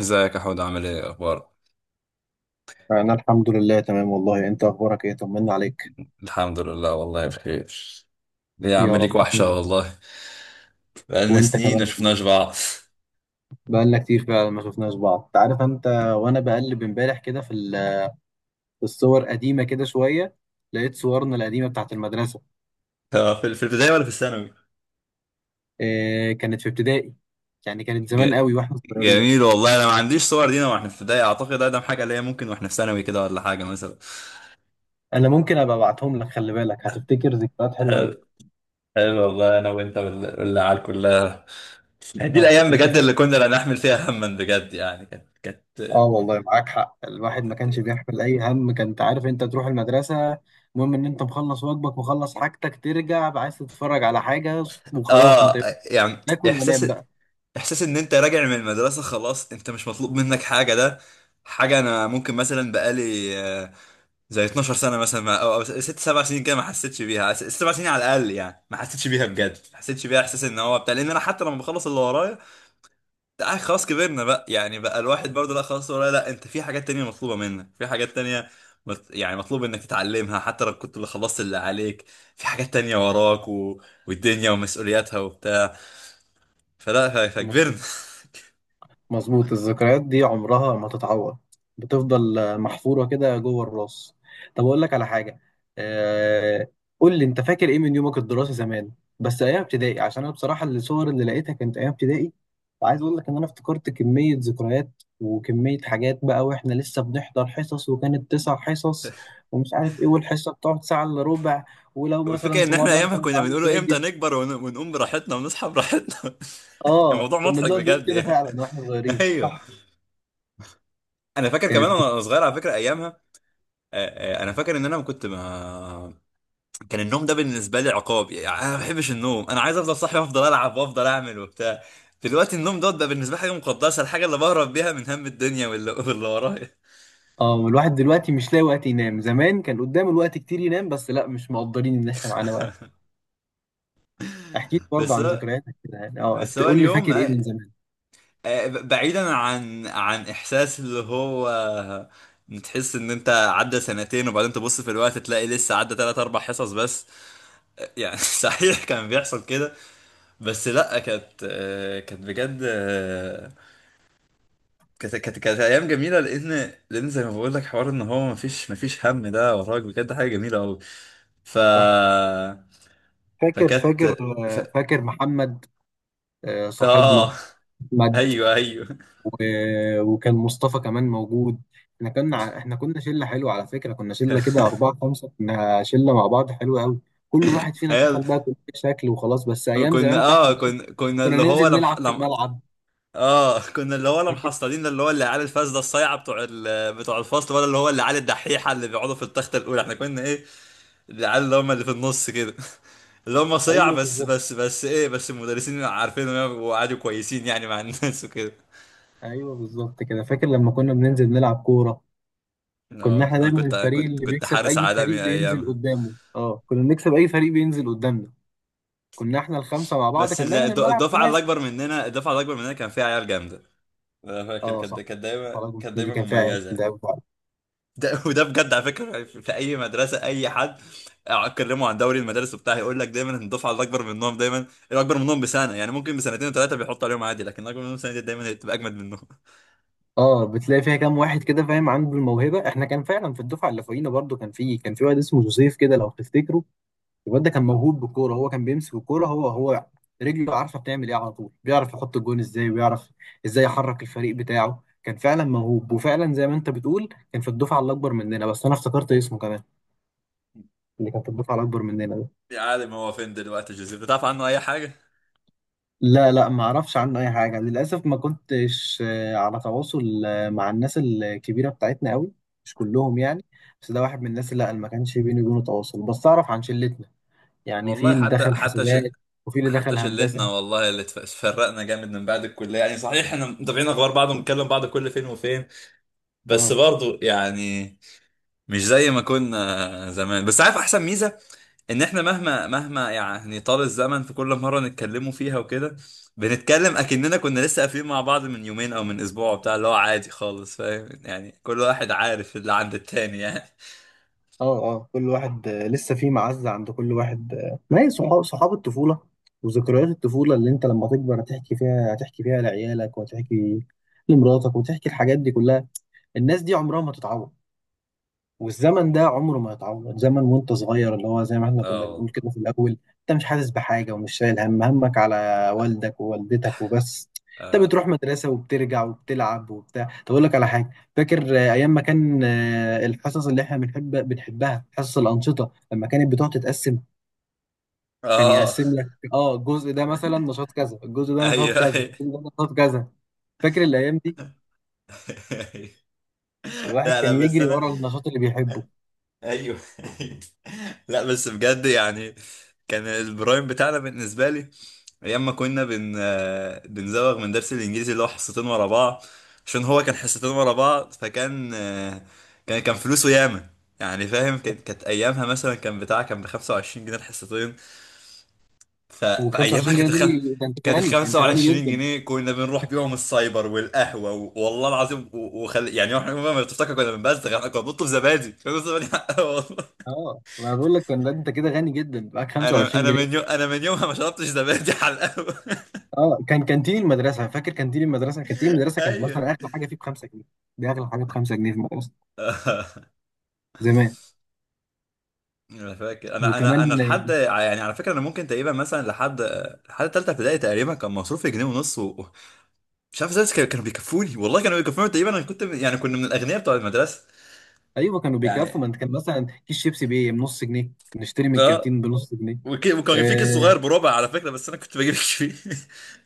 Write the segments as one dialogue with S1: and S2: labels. S1: ازيك يا حود، عامل ايه؟ اخبارك؟
S2: أنا الحمد لله تمام والله. أنت أخبارك إيه؟ طمنا عليك.
S1: الحمد لله، والله بخير. ليه يا عم؟
S2: يا
S1: ليك
S2: رب
S1: وحشه
S2: تاني.
S1: والله. بقالنا
S2: وأنت
S1: سنين ما
S2: كمان.
S1: شفناش بعض.
S2: بقالنا كتير فعلا ما شفناش بعض، أنت عارف أنت. وأنا بقلب إمبارح كده في في الصور قديمة كده شوية، لقيت صورنا القديمة بتاعت المدرسة.
S1: في البداية ولا في الثانوي؟
S2: إيه كانت في ابتدائي، يعني كانت
S1: ج...
S2: زمان قوي وإحنا صغيرين.
S1: جميل والله، انا ما عنديش صور لينا واحنا في ابتدائي. اعتقد اقدم حاجه ليا ممكن واحنا في ثانوي كده ولا حاجه مثلا.
S2: أنا ممكن أبقى أبعتهم لك، خلي بالك هتفتكر ذكريات حلوة قوي.
S1: حلو، حلو والله، انا وانت وال- والعيال كلها. دي
S2: أه
S1: الايام
S2: أنت
S1: بجد اللي
S2: فاكر.
S1: كنا لا نحمل فيها هما، بجد يعني كانت
S2: اه والله معاك حق، الواحد ما
S1: كانت-
S2: كانش بيحمل اي هم، كنت عارف انت تروح المدرسه، المهم ان انت مخلص واجبك، مخلص حاجتك، ترجع عايز تتفرج على حاجه وخلاص، انت
S1: اه
S2: يوم
S1: يعني
S2: تاكل ونام
S1: احساس
S2: بقى.
S1: احساس ان انت راجع من المدرسه، خلاص انت مش مطلوب منك حاجه. ده حاجه انا ممكن مثلا بقالي آه، زي 12 سنه مثلا، او 6 7 سنين كده، ما حسيتش بيها. 7 سنين على الاقل يعني ما حسيتش بيها بجد، ما حسيتش بيها. احساس ان هو بتاع، لان انا حتى لما بخلص اللي ورايا، خلاص كبرنا بقى، يعني بقى الواحد برضه. لا خلاص ورايا، لا انت في حاجات تانية مطلوبه منك، في حاجات تانية. يعني مطلوب انك تتعلمها حتى لو كنت اللي خلصت اللي عليك. في حاجات تانية وراك والدنيا ومسؤولياتها وبتاع. فلا، فكبرنا.
S2: مظبوط، مظبوط. الذكريات دي عمرها ما تتعوض، بتفضل محفورة كده جوه الراس. طب أقول لك على حاجة، آه، قول لي أنت فاكر إيه من يومك الدراسي زمان؟ بس أيام ابتدائي، عشان أنا بصراحة الصور اللي لقيتها كانت أيام ابتدائي. وعايز أقول لك إن أنا افتكرت كمية ذكريات وكمية حاجات بقى، وإحنا لسه بنحضر حصص وكانت 9 حصص ومش عارف إيه، والحصة بتقعد ساعة إلا ربع، ولو مثلا
S1: والفكرة
S2: في
S1: ان احنا
S2: مرة
S1: ايامها
S2: أنت مش
S1: كنا
S2: عامل
S1: بنقوله امتى
S2: واجب.
S1: نكبر ونقوم براحتنا ونصحى براحتنا.
S2: آه
S1: الموضوع
S2: كنا
S1: مضحك
S2: بنقعد نقول
S1: بجد
S2: كده
S1: يعني.
S2: فعلا وإحنا صغيرين،
S1: ايوه،
S2: صح.
S1: انا فاكر كمان
S2: كانت.
S1: وانا صغير على فكرة ايامها. انا فاكر ان انا كنت. ما كان النوم ده بالنسبة لي عقاب، يعني انا ما بحبش النوم، انا عايز افضل صاحي وافضل العب وافضل اعمل وبتاع. دلوقتي النوم دوت بقى بالنسبة لي حاجة مقدسة، الحاجة اللي بهرب بيها من هم الدنيا واللي ورايا.
S2: اه والواحد دلوقتي مش لاقي وقت ينام، زمان كان قدامه الوقت كتير ينام، بس لا مش مقدرين ان احنا معانا وقت. احكي لي برضه
S1: بس
S2: عن
S1: هو-
S2: ذكرياتك كده يعني، اه
S1: بس هو
S2: قول لي
S1: اليوم،
S2: فاكر ايه من زمان.
S1: بعيدا عن احساس اللي هو تحس ان انت عدى سنتين وبعدين تبص في الوقت تلاقي لسه عدى 3 4 حصص بس. يعني صحيح كان بيحصل كده. بس لا، كانت كانت بجد، كانت ايام جميله، لان زي ما بقول لك حوار ان هو مفيش هم ده وراك، بجد حاجه جميله قوي. ف
S2: صح. فاكر، فاكر.
S1: فكانت. ف...
S2: فاكر محمد،
S1: اه
S2: صاحبنا. احمد.
S1: ايوه، ايوه.
S2: و- وكان مصطفى كمان موجود. احنا احنا كنا شله حلوه على فكره، كنا شله كده اربعه خمسه، كنا شله مع بعض حلوه قوي. كل واحد فينا دخل
S1: هل
S2: بقى كل شكل وخلاص، بس ايام
S1: كنا،
S2: زمان بتاعت المدرسه
S1: كنا
S2: كنا
S1: اللي هو
S2: ننزل
S1: لم...
S2: نلعب في
S1: لم...
S2: الملعب.
S1: اه كنا اللي هو، لا
S2: فاكر.
S1: محصلين اللي هو اللي عيال الفاسده الصايعه بتوع بتوع الفصل، ولا اللي هو اللي عيال الدحيحه اللي بيقعدوا في التخته الاولى، احنا كنا ايه؟ العيال اللي هم اللي في النص كده. اللي هم صيع،
S2: ايوه
S1: بس
S2: بالظبط.
S1: بس بس ايه، بس المدرسين عارفينهم وقعدوا كويسين يعني مع الناس وكده.
S2: ايوه بالظبط كده، فاكر لما كنا بننزل نلعب كوره. كنا
S1: اه
S2: احنا
S1: انا
S2: دايما
S1: كنت
S2: الفريق
S1: كنت
S2: اللي
S1: كنت
S2: بيكسب،
S1: حارس
S2: اي فريق
S1: عالمي
S2: بينزل
S1: ايامها.
S2: قدامه، اه كنا بنكسب اي فريق بينزل قدامنا، كنا احنا الخمسه مع بعض،
S1: بس
S2: كان دايما الملعب خماسي.
S1: الدفعه الاكبر مننا كان فيها عيال جامده. انا فاكر
S2: اه
S1: كانت
S2: صح.
S1: كانت دايما
S2: خلاص
S1: كانت
S2: دي
S1: دايما
S2: كان فعلا، ده
S1: مميزه.
S2: أوي فعلا.
S1: ده وده بجد على فكره، في اي مدرسه اي حد اكلمه عن دوري المدارس وبتاع هيقول لك دايما ان الدفعه الاكبر منهم دايما، الاكبر منهم بسنه يعني، ممكن بسنتين وثلاثه بيحطوا عليهم عادي، لكن الاكبر منهم سنه دايما بتبقى اجمد منهم.
S2: اه بتلاقي فيها كام واحد كده فاهم عنده الموهبه، احنا كان فعلا في الدفعه اللي فوقينا برضو كان في واحد اسمه جوزيف كده لو تفتكره. الواد ده كان موهوب بالكوره، هو كان بيمسك الكوره، هو رجله عارفه بتعمل ايه على طول، بيعرف يحط الجون ازاي، ويعرف ازاي يحرك الفريق بتاعه، كان فعلا موهوب، وفعلا زي ما انت بتقول كان في الدفعه الاكبر مننا، بس انا افتكرت اسمه كمان، اللي كان في الدفعه الاكبر مننا ده.
S1: يا عالم، هو فين دلوقتي جوزيف؟ بتعرف عنه اي حاجه؟
S2: لا لا، ما اعرفش عنه اي حاجه للاسف، ما كنتش على تواصل مع الناس الكبيره بتاعتنا قوي، مش كلهم يعني، بس ده واحد من الناس اللي لا اللي ما كانش بيني وبينه تواصل، بس اعرف عن شلتنا يعني، في
S1: والله،
S2: اللي
S1: حتى
S2: دخل
S1: حتى
S2: حسابات وفي اللي
S1: حتى
S2: دخل
S1: شلتنا
S2: هندسه.
S1: والله، اللي اتفرقنا جامد من بعد الكليه، يعني صحيح احنا متابعين اخبار بعض وبنتكلم بعض كل فين وفين، بس
S2: اه
S1: برضو يعني مش زي ما كنا زمان، بس عارف احسن ميزه، ان احنا مهما يعني طال الزمن في كل مره نتكلموا فيها وكده، بنتكلم اكننا كنا لسه قافلين مع بعض من يومين او من اسبوع وبتاع، اللي هو عادي خالص فاهم يعني، كل واحد عارف اللي عند التاني يعني.
S2: اه اه، كل واحد لسه في معزة عند كل واحد آه. ما هي صحاب، صحاب الطفولة وذكريات الطفولة، اللي انت لما تكبر هتحكي فيها، هتحكي فيها لعيالك وهتحكي لمراتك وتحكي الحاجات دي كلها. الناس دي عمرها ما تتعوض، والزمن ده عمره ما يتعوض. زمن وانت صغير، اللي هو زي ما احنا كنا
S1: اه
S2: بنقول
S1: والله،
S2: كده في الاول، انت مش حاسس بحاجه ومش شايل هم، همك على والدك ووالدتك وبس، انت
S1: اه،
S2: بتروح مدرسه وبترجع وبتلعب وبتاع. طب اقول لك على حاجه، فاكر ايام ما كان الحصص اللي احنا بنحب، بنحبها حصص الانشطه، لما كانت بتقعد تتقسم، كان
S1: اه، آه،
S2: يقسم لك اه الجزء ده مثلا نشاط كذا، الجزء ده نشاط
S1: ايوه
S2: كذا،
S1: أيوة.
S2: الجزء ده نشاط كذا. فاكر الايام دي؟ الواحد
S1: لا، لا،
S2: كان
S1: بس
S2: يجري
S1: انا.
S2: ورا النشاط اللي بيحبه.
S1: ايوه. لا بس بجد يعني، كان البرايم بتاعنا بالنسبة لي أيام ما كنا بن آه، بنزوغ من درس الإنجليزي اللي هو حصتين ورا بعض. عشان هو كان حصتين ورا بعض، فكان، كان فلوسه ياما. يعني فاهم، كانت أيامها مثلا كان بتاع، كان ب 25 جنيه الحصتين. فأيامها
S2: و25
S1: كانت
S2: جنيه دول، ده انت
S1: كانت ال
S2: غني، انت غني
S1: 25
S2: جدا.
S1: جنيه كنا بنروح بيهم السايبر والقهوة والله العظيم يعني احنا ما تفتكر كنا بنبزغ، احنا كنا بنطلب زبادي كنا بنطلب زبادي، والله.
S2: اه ما بقول لك كان انت كده غني جدا، معاك 25 جنيه
S1: انا من يومها ما شربتش زبادي على القهوه.
S2: اه كان كانتين المدرسه، فاكر كانتين المدرسه، كانتين المدرسه كانت
S1: ايوه.
S2: مثلا اغلى حاجه فيه ب 5 جنيه، دي اغلى حاجه ب 5 جنيه في المدرسه زمان.
S1: انا فاكر، انا
S2: وكمان
S1: لحد يعني على فكره، انا ممكن تقريبا مثلا لحد لحد ثالثه ابتدائي تقريبا كان مصروفي جنيه ونص مش عارف ازاي، بس كانوا بيكفوني والله كانوا بيكفوني تقريبا. انا كنت يعني كنا من الاغنياء بتوع المدرسه
S2: ايوه كانوا بيكفوا،
S1: يعني.
S2: ما انت كان مثلا كيس شيبسي بايه بنص جنيه، نشتري من
S1: اه
S2: الكانتين بنص جنيه.
S1: وكان في كيس صغير
S2: اه
S1: بربع على فكره، بس انا كنت بجيب الكيس فيه.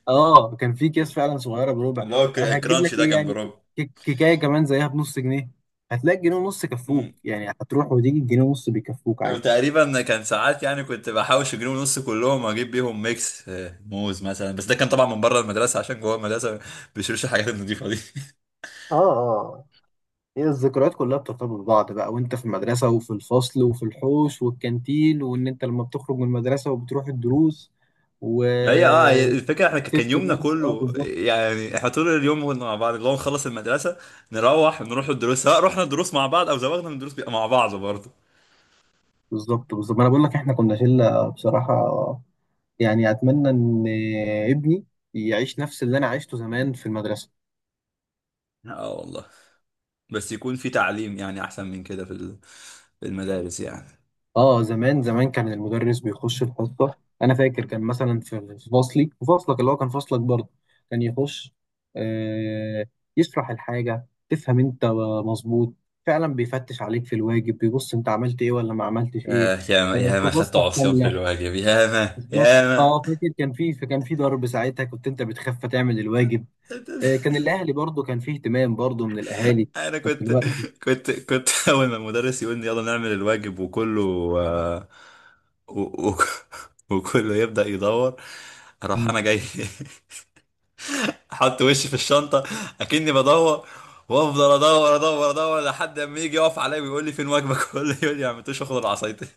S2: كان في اكياس فعلا صغيره بربع.
S1: اللي هو
S2: هتجيب
S1: الكرانشي
S2: لك
S1: ده
S2: ايه
S1: كان
S2: يعني،
S1: بربع.
S2: كيكايه كمان زيها بنص جنيه، هتلاقي جنيه ونص كفوك يعني، هتروح وتيجي الجنيه ونص بيكفوك عادي.
S1: وتقريبا كان ساعات يعني كنت بحوش جنيه ونص كلهم اجيب بيهم ميكس موز مثلا، بس ده كان طبعا من بره المدرسه عشان جوه المدرسه ما بيشتروش الحاجات النضيفه دي.
S2: اه اه. هي الذكريات كلها بترتبط ببعض بقى، وانت في المدرسة وفي الفصل وفي الحوش والكانتين، وان انت لما بتخرج من المدرسة وبتروح الدروس
S1: ما هي الفكره، احنا كان
S2: وسبت
S1: يومنا
S2: درس، اه
S1: كله،
S2: بالظبط.
S1: يعني احنا طول اليوم كنا مع بعض، اللي هو نخلص المدرسه نروح الدروس، سواء رحنا الدروس مع بعض او زوغنا من الدروس بيبقى مع بعض برضه.
S2: بالظبط، بالظبط، ما انا بقول لك احنا كنا شلة بصراحة يعني. اتمنى ان ابني يعيش نفس اللي انا عشته زمان في المدرسة.
S1: اه والله، بس يكون في تعليم يعني احسن من كده في المدارس يعني.
S2: اه زمان، زمان كان المدرس بيخش الحصه، انا فاكر كان مثلا في فصلي، في فصلك اللي هو كان فصلك برضه، كان يخش آه يشرح الحاجه تفهم انت، مظبوط فعلا، بيفتش عليك في الواجب، بيبص انت عملت ايه ولا ما عملتش ايه،
S1: يا ما يا ما خدت
S2: كراستك
S1: عصيان في
S2: كامله.
S1: الواجب، يا ما
S2: بالظبط
S1: يا ما.
S2: اه. فاكر كان في ضرب ساعتها، كنت انت بتخاف تعمل الواجب. آه كان الاهلي برضه، كان فيه اهتمام برضه من الاهالي
S1: انا
S2: في
S1: كنت
S2: الوقت.
S1: كنت كنت اول ما المدرس يقول لي يلا نعمل الواجب وكله، آه، و... و... وكله يبدأ يدور، اروح انا جاي. احط وشي في الشنطة اكني بدور، وافضل ادور ادور ادور لحد اما يجي يقف عليا ويقول لي فين واجبك؟ كله يقول لي ما عملتوش، واخد العصايتين.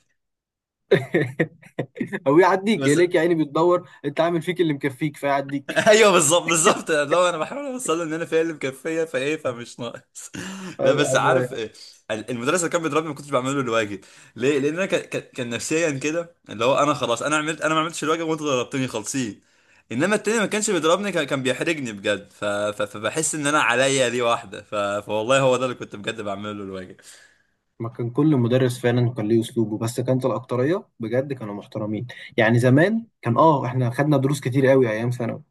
S2: او يعديك
S1: بس.
S2: يلاقيك يا عيني بتدور، انت عامل فيك اللي مكفيك فيعديك.
S1: ايوه بالظبط، بالظبط، لو انا بحاول اوصل له ان انا فعلا مكفيه فايه فمش ناقص. لا
S2: ايوه.
S1: بس عارف
S2: عايز-
S1: إيه، المدرس اللي كان بيضربني ما كنتش بعمل له الواجب. ليه؟ لان انا كان نفسيا كده، اللي هو انا خلاص، انا ما عملتش الواجب وانتوا ضربتوني خالصين. انما التاني ما كانش بيضربني، كان بيحرجني بجد. فبحس ان انا عليا دي واحده، فوالله هو ده اللي كنت بجد بعمله له الواجب.
S2: ما كان كل مدرس فعلا كان ليه اسلوبه، بس كانت الاكتريه بجد كانوا محترمين. يعني زمان كان اه احنا خدنا دروس كتير قوي ايام ثانوي،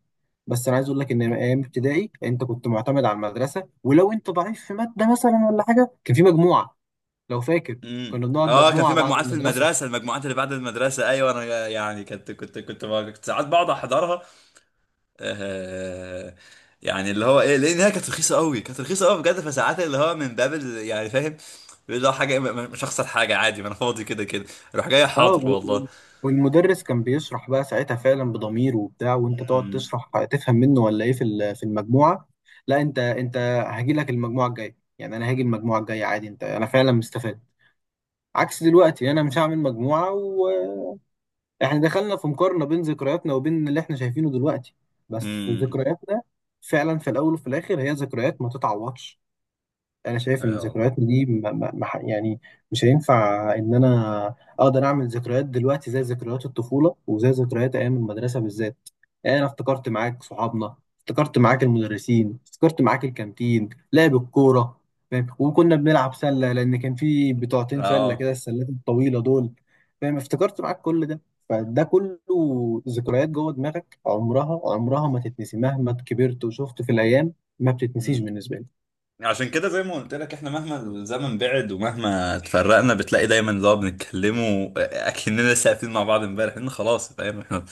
S2: بس انا عايز اقول لك ان ايام ابتدائي انت كنت معتمد على المدرسه، ولو انت ضعيف في ماده مثلا ولا حاجه كان في مجموعه، لو فاكر، كنا بنقعد
S1: اه كان في
S2: مجموعه بعد
S1: مجموعات في
S2: المدرسه.
S1: المدرسه، المجموعات اللي بعد المدرسه. ايوه انا يعني كنت ساعات بقعد احضرها. آه، يعني اللي هو ايه، لان هي كانت رخيصه قوي كانت رخيصه قوي بجد. فساعات اللي هو من باب يعني فاهم، اللي هو حاجه مش هخسر حاجه عادي، ما انا فاضي كده كده، اروح جاي
S2: اه
S1: حاضر والله.
S2: والمدرس كان بيشرح بقى ساعتها فعلا بضمير وبتاع، وانت تقعد
S1: امم،
S2: تشرح تفهم منه ولا ايه في في المجموعه. لا انت، انت هاجي لك المجموعه الجايه يعني، انا هاجي المجموعه الجايه عادي، انت انا فعلا مستفاد، عكس دلوقتي انا مش هعمل مجموعه. واحنا دخلنا في مقارنه بين ذكرياتنا وبين اللي احنا شايفينه دلوقتي، بس
S1: امم،
S2: ذكرياتنا فعلا في الاول وفي الاخر هي ذكريات ما تتعوضش. انا شايف ان
S1: يا والله،
S2: ذكرياتنا دي ما ما ما ح- يعني مش هينفع ان انا اقدر اعمل ذكريات دلوقتي زي ذكريات الطفوله وزي ذكريات ايام المدرسه بالذات. يعني انا افتكرت معاك صحابنا، افتكرت معاك المدرسين، افتكرت معاك الكانتين، لعب الكوره، فاهم، وكنا بنلعب سله، لان كان في بتوعتين سله
S1: اه،
S2: كده، السلات الطويله دول، فاهم، افتكرت معاك كل ده. فده كله ذكريات جوه دماغك، عمرها، عمرها ما تتنسي مهما كبرت وشفت في الايام، ما بتتنسيش
S1: امم.
S2: بالنسبه لي.
S1: عشان كده زي ما قلت لك، احنا مهما الزمن بعد ومهما اتفرقنا بتلاقي دايما اللي هو بنتكلموا اكننا لسه قاعدين مع بعض امبارح، ان خلاص فاهم احنا.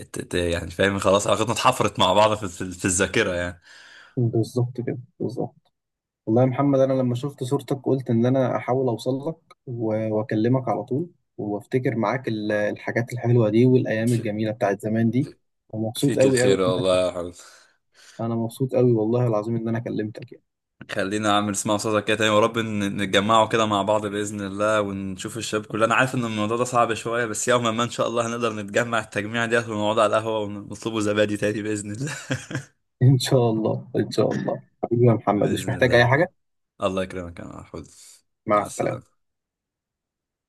S1: يعني فاهم خلاص، علاقتنا اتحفرت مع بعض في الذاكره يعني.
S2: بالظبط كده، بالظبط. والله يا محمد، انا لما شفت صورتك قلت ان انا احاول اوصل لك واكلمك على طول، وافتكر معاك الحاجات الحلوه دي والايام الجميله بتاعت زمان دي. ومبسوط
S1: فيك
S2: قوي قوي
S1: الخير
S2: إن انا
S1: والله يا حمد.
S2: أنا مبسوط قوي والله العظيم ان انا كلمتك يعني.
S1: خلينا عم نسمع صوتك كده تاني، ورب نتجمعوا كده مع بعض بإذن الله ونشوف الشباب كلنا. انا عارف ان الموضوع ده صعب شوية، بس يوما ما ان شاء الله هنقدر نتجمع التجميع ديت ونقعد على القهوة ونطلبوا زبادي تاني بإذن الله.
S2: ان شاء الله، ان شاء الله حبيبي يا محمد، مش
S1: بإذن الله
S2: محتاج
S1: يا
S2: اي
S1: محمد.
S2: حاجه.
S1: الله يكرمك يا محمود.
S2: مع
S1: مع
S2: السلامه.
S1: السلامة.